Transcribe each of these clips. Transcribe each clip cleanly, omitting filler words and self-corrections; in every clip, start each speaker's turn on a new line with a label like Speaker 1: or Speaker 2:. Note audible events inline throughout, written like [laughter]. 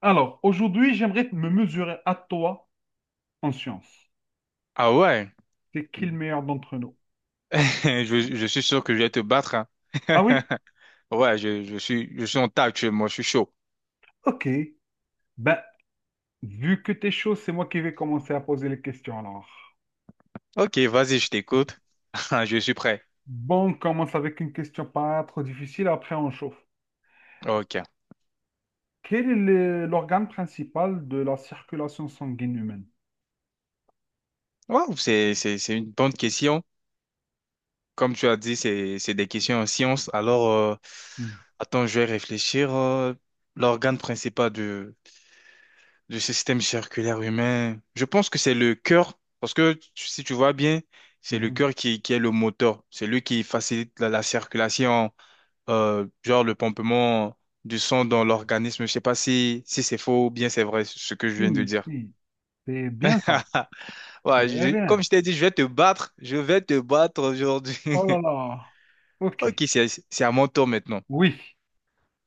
Speaker 1: Alors, aujourd'hui, j'aimerais me mesurer à toi en science.
Speaker 2: Ah ouais,
Speaker 1: C'est qui
Speaker 2: [laughs]
Speaker 1: le meilleur d'entre nous?
Speaker 2: je suis sûr que je vais te battre. Hein.
Speaker 1: Ah oui?
Speaker 2: [laughs] Ouais, je suis en tas actuellement, je suis chaud.
Speaker 1: Ok. Ben, vu que t'es chaud, c'est moi qui vais commencer à poser les questions alors.
Speaker 2: Ok, vas-y, je t'écoute. [laughs] Je suis prêt.
Speaker 1: Bon, on commence avec une question pas trop difficile, après on chauffe.
Speaker 2: Ok.
Speaker 1: Quel est l'organe principal de la circulation sanguine humaine?
Speaker 2: Wow, c'est une bonne question. Comme tu as dit, c'est des questions en science. Alors,
Speaker 1: Hmm,
Speaker 2: attends, je vais réfléchir. L'organe principal du système circulaire humain, je pense que c'est le cœur. Parce que si tu vois bien, c'est le
Speaker 1: mhm.
Speaker 2: cœur qui est le moteur. C'est lui qui facilite la circulation. Genre le pompement du sang dans l'organisme. Je sais pas si c'est faux ou bien c'est vrai ce que je viens de
Speaker 1: Si,
Speaker 2: dire.
Speaker 1: si, c'est bien ça.
Speaker 2: [laughs]
Speaker 1: Très bien.
Speaker 2: Comme je t'ai dit, je vais te battre. Je vais te battre aujourd'hui.
Speaker 1: Oh là
Speaker 2: [laughs]
Speaker 1: là. Ok.
Speaker 2: Ok, c'est à mon tour maintenant.
Speaker 1: Oui.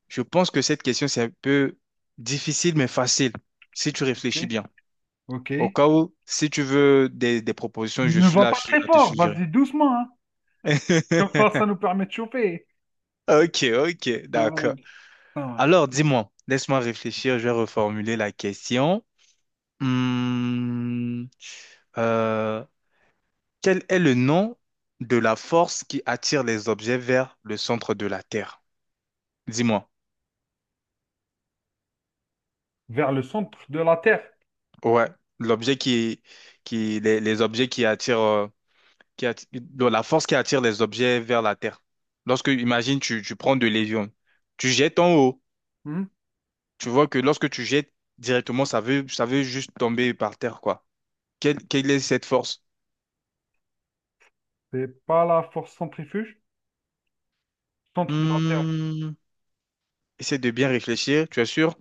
Speaker 2: Je pense que cette question, c'est un peu difficile, mais facile, si tu
Speaker 1: Ok.
Speaker 2: réfléchis bien.
Speaker 1: Ok.
Speaker 2: Au cas où, si tu veux des propositions, je
Speaker 1: Ne
Speaker 2: suis
Speaker 1: va
Speaker 2: là
Speaker 1: pas
Speaker 2: je suis
Speaker 1: très
Speaker 2: à te
Speaker 1: fort,
Speaker 2: suggérer.
Speaker 1: vas-y doucement, hein. Comme
Speaker 2: [laughs]
Speaker 1: ça nous permet de choper.
Speaker 2: Ok,
Speaker 1: Ah,
Speaker 2: d'accord.
Speaker 1: ça marche.
Speaker 2: Alors, dis-moi, laisse-moi réfléchir, je vais reformuler la question. Hmm, euh, Quel est le nom de la force qui attire les objets vers le centre de la Terre? Dis-moi.
Speaker 1: Vers le centre de la Terre.
Speaker 2: Ouais, l'objet qui les objets qui attirent, donc la force qui attire les objets vers la Terre. Lorsque, imagine, tu prends de l'avion, tu jettes en haut,
Speaker 1: Hmm.
Speaker 2: tu vois que lorsque tu jettes directement, ça veut juste tomber par terre, quoi. Quelle est cette force?
Speaker 1: C'est pas la force centrifuge? Centre de la Terre.
Speaker 2: Hmm, Essaie de bien réfléchir, tu es sûr?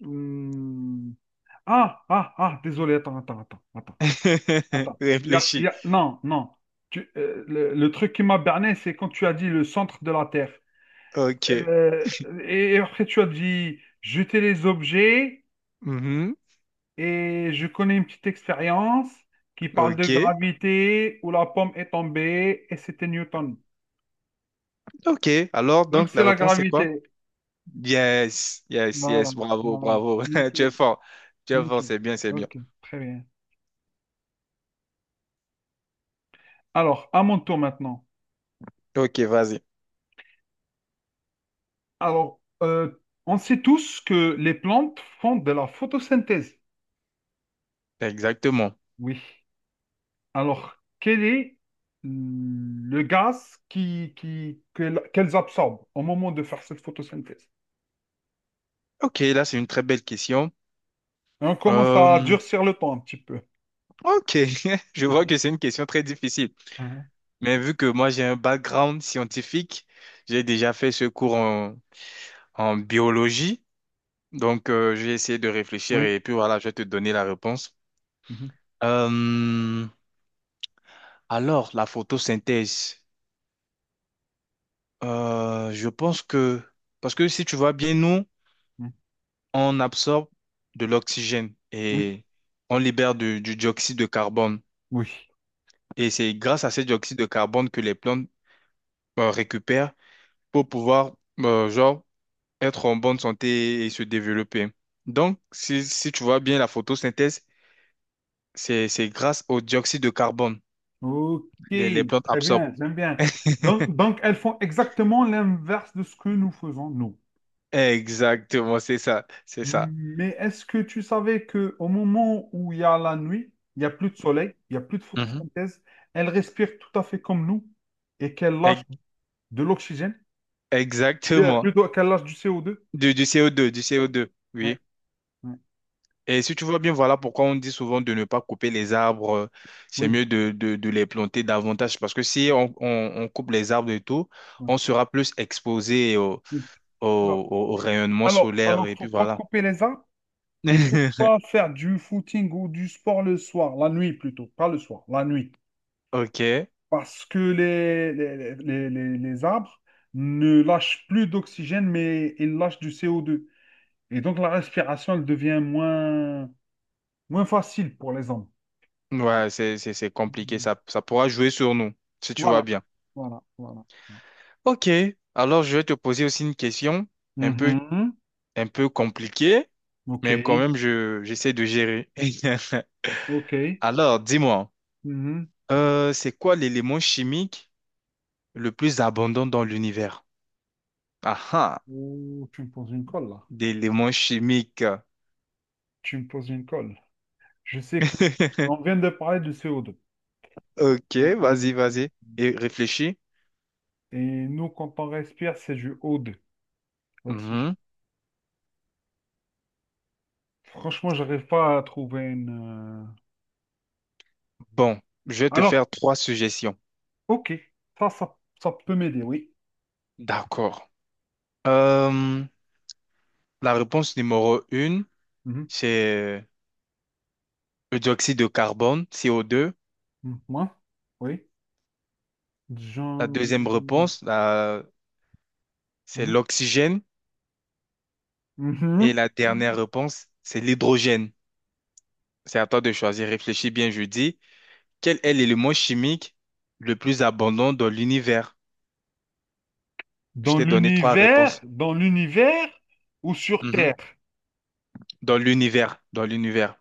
Speaker 1: Hmm. Ah, ah, ah, désolé, attends, attends, attends, attends,
Speaker 2: [laughs]
Speaker 1: attends.
Speaker 2: Réfléchis.
Speaker 1: Non, non. Le truc qui m'a berné, c'est quand tu as dit le centre de la Terre.
Speaker 2: Ok.
Speaker 1: Euh, et après, tu as dit jeter les objets,
Speaker 2: Mhm.
Speaker 1: et je connais une petite expérience qui parle de
Speaker 2: Ok.
Speaker 1: gravité où la pomme est tombée, et c'était Newton.
Speaker 2: Ok. Alors,
Speaker 1: Donc,
Speaker 2: donc,
Speaker 1: c'est
Speaker 2: la
Speaker 1: la
Speaker 2: réponse, c'est quoi?
Speaker 1: gravité.
Speaker 2: Yes. Yes,
Speaker 1: Voilà,
Speaker 2: yes. Bravo,
Speaker 1: voilà.
Speaker 2: bravo. [laughs] Tu
Speaker 1: Nickel,
Speaker 2: es fort. Tu es fort.
Speaker 1: nickel.
Speaker 2: C'est bien, c'est bien.
Speaker 1: Ok, très bien. Alors, à mon tour maintenant.
Speaker 2: Ok, vas-y.
Speaker 1: Alors, on sait tous que les plantes font de la photosynthèse.
Speaker 2: Exactement.
Speaker 1: Oui. Alors, quel est le gaz qu'elles absorbent au moment de faire cette photosynthèse?
Speaker 2: Ok, là, c'est une très belle question.
Speaker 1: On commence à
Speaker 2: Euh,
Speaker 1: durcir le temps un petit peu.
Speaker 2: ok. [laughs] Je vois que
Speaker 1: [laughs]
Speaker 2: c'est une question très difficile.
Speaker 1: Ah,
Speaker 2: Mais vu que moi, j'ai un background scientifique, j'ai déjà fait ce cours en biologie. Donc, j'ai essayé de réfléchir
Speaker 1: oui.
Speaker 2: et puis voilà, je vais te donner la réponse.
Speaker 1: Mhm,
Speaker 2: Euh, Alors, la photosynthèse, je pense que, parce que si tu vois bien, nous,
Speaker 1: mhm.
Speaker 2: on absorbe de l'oxygène
Speaker 1: Oui.
Speaker 2: et on libère du dioxyde de carbone.
Speaker 1: Oui.
Speaker 2: Et c'est grâce à ce dioxyde de carbone que les plantes récupèrent pour pouvoir, euh, genre, être en bonne santé et se développer. Donc, si tu vois bien, la photosynthèse, c'est grâce au dioxyde de carbone
Speaker 1: Ok,
Speaker 2: les plantes
Speaker 1: très
Speaker 2: absorbent.
Speaker 1: bien, j'aime bien. Donc, elles font exactement l'inverse de ce que nous faisons, nous.
Speaker 2: Exactement, c'est ça.
Speaker 1: Mais est-ce que tu savais que au moment où il y a la nuit, il n'y a plus de soleil, il n'y a plus de
Speaker 2: Mhm.
Speaker 1: photosynthèse, elles respirent tout à fait comme nous et qu'elles lâchent
Speaker 2: Ex-
Speaker 1: de l'oxygène, de-
Speaker 2: Exactement.
Speaker 1: plutôt qu'elles lâchent du co deux.
Speaker 2: Du CO2, du CO2,
Speaker 1: Ouais,
Speaker 2: oui.
Speaker 1: ouais,
Speaker 2: Et si tu vois bien, voilà pourquoi on dit souvent de ne pas couper les arbres. C'est
Speaker 1: oui,
Speaker 2: mieux de les planter davantage parce que si on coupe les arbres et tout,
Speaker 1: ouais,
Speaker 2: on sera plus exposé
Speaker 1: oui. Alors,
Speaker 2: au
Speaker 1: oui.
Speaker 2: rayonnement solaire
Speaker 1: Alors,
Speaker 2: et
Speaker 1: faut
Speaker 2: puis
Speaker 1: pas
Speaker 2: voilà.
Speaker 1: couper les arbres et faut pas
Speaker 2: [laughs]
Speaker 1: faire du footing ou du sport le soir, la nuit plutôt, pas le soir, la nuit.
Speaker 2: Ok.
Speaker 1: Parce que les arbres ne lâchent plus d'oxygène, mais ils lâchent du CO2. Et donc la respiration, elle devient moins, moins facile pour les hommes.
Speaker 2: Ouais, c'est compliqué.
Speaker 1: Mm.
Speaker 2: Ça pourra jouer sur nous, si tu vois
Speaker 1: Voilà,
Speaker 2: bien.
Speaker 1: voilà, voilà.
Speaker 2: Ok. Alors, je vais te poser aussi une question un peu,
Speaker 1: Mhm.
Speaker 2: un peu compliquée,
Speaker 1: Ok,
Speaker 2: mais quand même, j'essaie de gérer. [laughs]
Speaker 1: ok.
Speaker 2: Alors, dis-moi.
Speaker 1: Mhm.
Speaker 2: C'est quoi l'élément chimique le plus abondant dans l'univers? Ah ah,
Speaker 1: Oh, tu me poses une colle là.
Speaker 2: d'éléments chimiques.
Speaker 1: Tu me poses une colle. Je sais que
Speaker 2: [laughs]
Speaker 1: on vient de parler du CO2.
Speaker 2: Ok,
Speaker 1: On-
Speaker 2: vas-y. Et réfléchis.
Speaker 1: Et nous, quand on respire, c'est du O2, l'oxygène.
Speaker 2: Mhm.
Speaker 1: Franchement, j'arrive pas à trouver une,
Speaker 2: Bon, je vais te
Speaker 1: alors,
Speaker 2: faire trois suggestions.
Speaker 1: ok. Ça peut m'aider, oui.
Speaker 2: D'accord. Euh, la réponse numéro une,
Speaker 1: Mhm.
Speaker 2: c'est le dioxyde de carbone, CO2.
Speaker 1: Mhm. Moi? Oui.
Speaker 2: La
Speaker 1: Jean...
Speaker 2: deuxième réponse, c'est
Speaker 1: Mhm.
Speaker 2: l'oxygène. Et
Speaker 1: Mhm.
Speaker 2: la dernière réponse, c'est l'hydrogène. C'est à toi de choisir. Réfléchis bien, je dis. Quel est l'élément chimique le plus abondant dans l'univers? Je t'ai donné trois réponses.
Speaker 1: Dans l'univers ou sur
Speaker 2: Mhm.
Speaker 1: Terre?
Speaker 2: Dans l'univers, dans l'univers.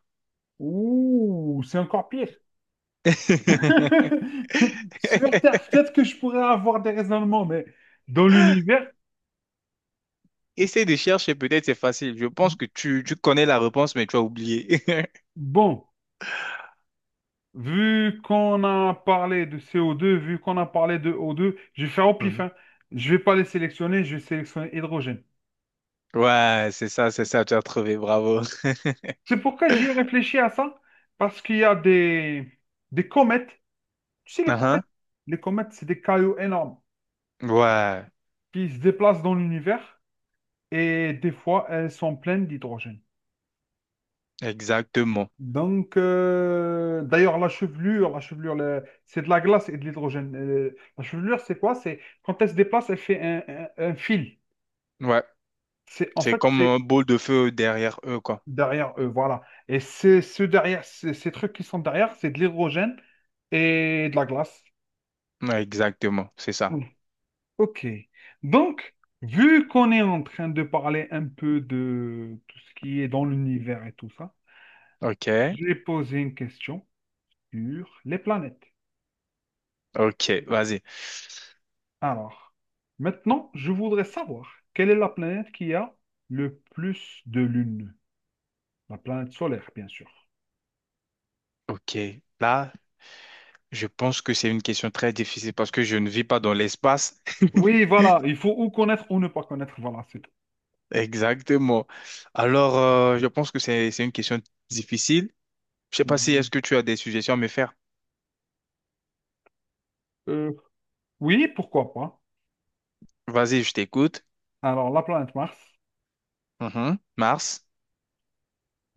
Speaker 1: Ouh, c'est encore pire.
Speaker 2: [laughs]
Speaker 1: [laughs] Sur Terre, peut-être que je pourrais avoir des raisonnements, mais dans l'univers,
Speaker 2: Essaye de chercher, peut-être c'est facile. Je pense que tu connais la réponse, mais tu as oublié. [laughs]
Speaker 1: bon, vu qu'on a parlé de CO2, vu qu'on a parlé de O2, je vais faire au pif,
Speaker 2: Mhm.
Speaker 1: hein. Je vais pas les sélectionner, je vais sélectionner hydrogène.
Speaker 2: Ouais, c'est ça, tu as trouvé, bravo.
Speaker 1: C'est pourquoi j'y ai
Speaker 2: [laughs]
Speaker 1: réfléchi à ça, parce qu'il y a des comètes. Tu sais,
Speaker 2: Uhum.
Speaker 1: les comètes, c'est des cailloux énormes
Speaker 2: Ouais,
Speaker 1: qui se déplacent dans l'univers et des fois, elles sont pleines d'hydrogène.
Speaker 2: exactement.
Speaker 1: Donc, d'ailleurs, la chevelure, c'est de la glace et de l'hydrogène. La chevelure, c'est quoi? C'est quand elle se déplace, elle fait un fil.
Speaker 2: Ouais,
Speaker 1: C'est en
Speaker 2: c'est
Speaker 1: fait,
Speaker 2: comme
Speaker 1: c'est
Speaker 2: un boule de feu derrière eux, quoi.
Speaker 1: derrière eux, voilà. Et c'est ce derrière, ces trucs qui sont derrière, c'est de l'hydrogène et de la glace.
Speaker 2: Ouais, exactement, c'est ça.
Speaker 1: Ok. Donc, vu qu'on est en train de parler un peu de tout ce qui est dans l'univers et tout ça,
Speaker 2: Ok,
Speaker 1: j'ai posé une question sur les planètes.
Speaker 2: ok, vas-y.
Speaker 1: Alors, maintenant, je voudrais savoir quelle est la planète qui a le plus de lunes? La planète solaire, bien sûr.
Speaker 2: Ok, là, je pense que c'est une question très difficile parce que je ne vis pas dans l'espace.
Speaker 1: Oui, voilà, il faut ou connaître ou ne pas connaître, voilà, c'est tout.
Speaker 2: [laughs] Exactement. Alors, je pense que c'est une question difficile. Je sais pas si est-ce
Speaker 1: Mhm.
Speaker 2: que tu as des suggestions à me faire.
Speaker 1: Euh, oui, pourquoi pas.
Speaker 2: Vas-y, je t'écoute.
Speaker 1: Alors, la planète Mars,
Speaker 2: Mhm. Mars.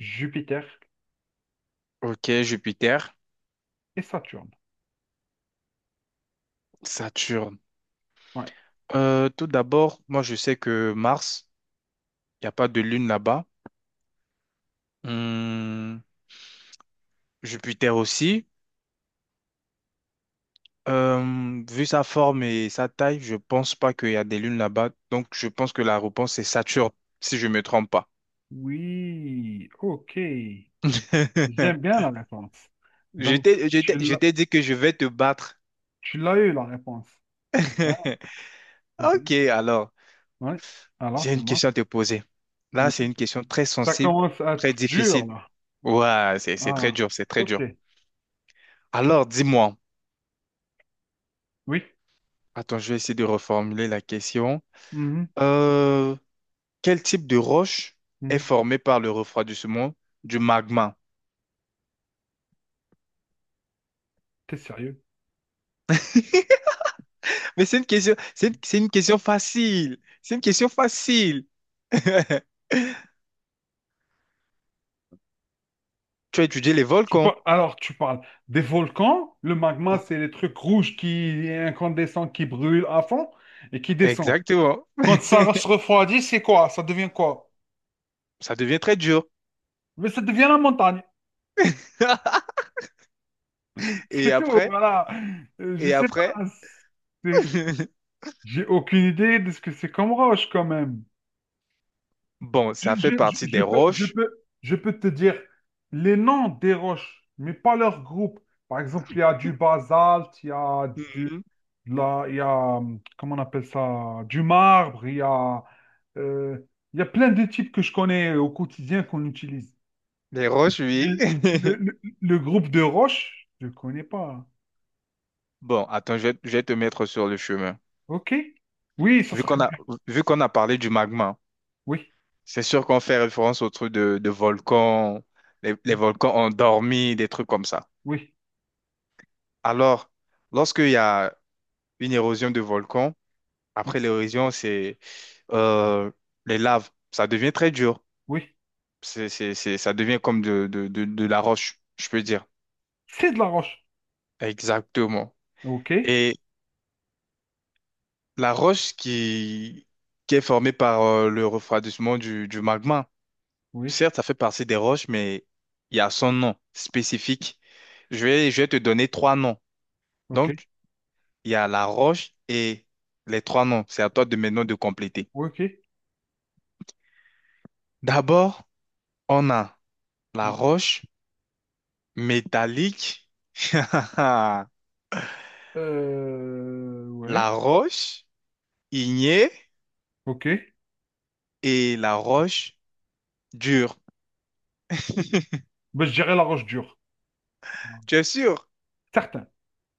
Speaker 1: Jupiter
Speaker 2: OK, Jupiter.
Speaker 1: et Saturne.
Speaker 2: Saturne.
Speaker 1: Ouais.
Speaker 2: Tout d'abord, moi, je sais que Mars, il n'y a pas de lune là-bas. Hum, Jupiter aussi. Vu sa forme et sa taille, je pense pas qu'il y a des lunes là-bas. Donc, je pense que la réponse, c'est Saturne, si je me trompe pas.
Speaker 1: Oui, ok. J'aime
Speaker 2: [laughs]
Speaker 1: bien la réponse. Donc, tu
Speaker 2: Je
Speaker 1: l'as,
Speaker 2: t'ai dit que je vais te battre.
Speaker 1: tu l'as eu, la réponse. C'est bien,
Speaker 2: [laughs]
Speaker 1: c'est bien.
Speaker 2: Ok, alors,
Speaker 1: Oui. Alors,
Speaker 2: j'ai une
Speaker 1: dis-moi.
Speaker 2: question à te poser. Là,
Speaker 1: Oui.
Speaker 2: c'est une question très
Speaker 1: Ça
Speaker 2: sensible,
Speaker 1: commence à être
Speaker 2: très
Speaker 1: dur,
Speaker 2: difficile.
Speaker 1: là.
Speaker 2: Ouais, c'est très
Speaker 1: Ah,
Speaker 2: dur, c'est très dur.
Speaker 1: ok.
Speaker 2: Alors, dis-moi.
Speaker 1: Oui.
Speaker 2: Attends, je vais essayer de reformuler la question.
Speaker 1: Mhm,
Speaker 2: Euh, quel type de roche est
Speaker 1: mhm.
Speaker 2: formée par le refroidissement du magma?
Speaker 1: T'es sérieux?
Speaker 2: Mais c'est une question, c'est une question facile. C'est une question facile. [laughs] Tu as étudié les volcans.
Speaker 1: Alors, tu parles des volcans. Le magma, c'est les trucs rouges qui incandescents, qui brûlent à fond et qui descendent.
Speaker 2: Exactement.
Speaker 1: Quand ça se refroidit, c'est quoi? Ça devient quoi?
Speaker 2: Ça devient très dur.
Speaker 1: Mais ça devient la montagne.
Speaker 2: [laughs]
Speaker 1: [laughs]
Speaker 2: Et
Speaker 1: C'est tout,
Speaker 2: après,
Speaker 1: voilà. Je
Speaker 2: et
Speaker 1: sais
Speaker 2: après,
Speaker 1: pas. C'est...
Speaker 2: [laughs]
Speaker 1: J'ai aucune idée de ce que c'est comme roche quand même.
Speaker 2: bon, ça fait partie des roches.
Speaker 1: Je peux te dire les noms des roches, mais pas leur groupe. Par exemple, il y a du basalte, il y a
Speaker 2: Mhm.
Speaker 1: il y a, comment on appelle ça, du marbre, euh, il y a plein de types que je connais au quotidien qu'on utilise.
Speaker 2: Les roches,
Speaker 1: Mais
Speaker 2: oui. [laughs]
Speaker 1: le groupe de roches, je ne connais pas.
Speaker 2: Bon, attends, je vais te mettre sur le chemin.
Speaker 1: OK? Oui, ça
Speaker 2: Vu
Speaker 1: serait
Speaker 2: qu'on a,
Speaker 1: bien.
Speaker 2: vu qu'on a parlé du magma,
Speaker 1: Oui,
Speaker 2: c'est sûr qu'on fait référence au truc de volcan, les
Speaker 1: ouais,
Speaker 2: volcans ont dormi, des trucs comme ça.
Speaker 1: oui,
Speaker 2: Alors, lorsqu'il y a une érosion de volcan, après
Speaker 1: oui,
Speaker 2: l'érosion, c'est euh, les laves. Ça devient très dur.
Speaker 1: oui.
Speaker 2: Ça devient comme de la roche, je peux dire.
Speaker 1: C'est de la roche.
Speaker 2: Exactement.
Speaker 1: OK?
Speaker 2: Et la roche qui est formée par le refroidissement du magma,
Speaker 1: Oui.
Speaker 2: certes, ça fait partie des roches, mais il y a son nom spécifique. Je vais te donner trois noms.
Speaker 1: Ok.
Speaker 2: Donc, il y a la roche et les trois noms. C'est à toi de maintenant de compléter.
Speaker 1: Ouais, ok.
Speaker 2: D'abord, on a la roche métallique, [laughs]
Speaker 1: Ouais.
Speaker 2: la roche ignée
Speaker 1: Ok.
Speaker 2: et la roche dure.
Speaker 1: Bah, je dirais la roche dure.
Speaker 2: Tu es sûr?
Speaker 1: Certain.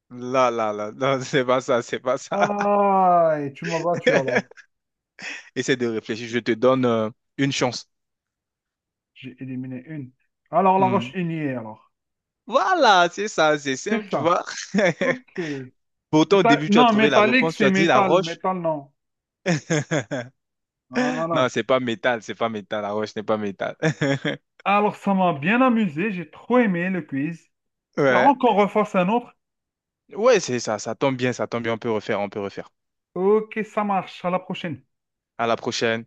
Speaker 2: Là, non, [laughs] c'est pas ça.
Speaker 1: Ah, et tu m'as battu alors.
Speaker 2: [laughs] Essaie de réfléchir, je te donne une chance.
Speaker 1: J'ai éliminé une. Alors, la roche
Speaker 2: Hmm.
Speaker 1: ignée, alors.
Speaker 2: Voilà, c'est ça, c'est
Speaker 1: C'est
Speaker 2: simple, tu
Speaker 1: ça.
Speaker 2: vois. [laughs]
Speaker 1: Ok.
Speaker 2: Pourtant, au
Speaker 1: Méta-.
Speaker 2: début, tu as
Speaker 1: Non,
Speaker 2: trouvé la
Speaker 1: métallique,
Speaker 2: réponse, tu
Speaker 1: c'est
Speaker 2: as dit la
Speaker 1: métal.
Speaker 2: roche.
Speaker 1: Métal, non.
Speaker 2: [laughs] Non,
Speaker 1: Voilà.
Speaker 2: c'est pas métal, la roche n'est pas métal. [laughs]
Speaker 1: Alors, ça m'a bien amusé. J'ai trop aimé le quiz.
Speaker 2: Ouais.
Speaker 1: Espérons qu'on refasse un autre.
Speaker 2: Ouais, ça tombe bien, on peut refaire.
Speaker 1: Ok, ça marche. À la prochaine.
Speaker 2: À la prochaine.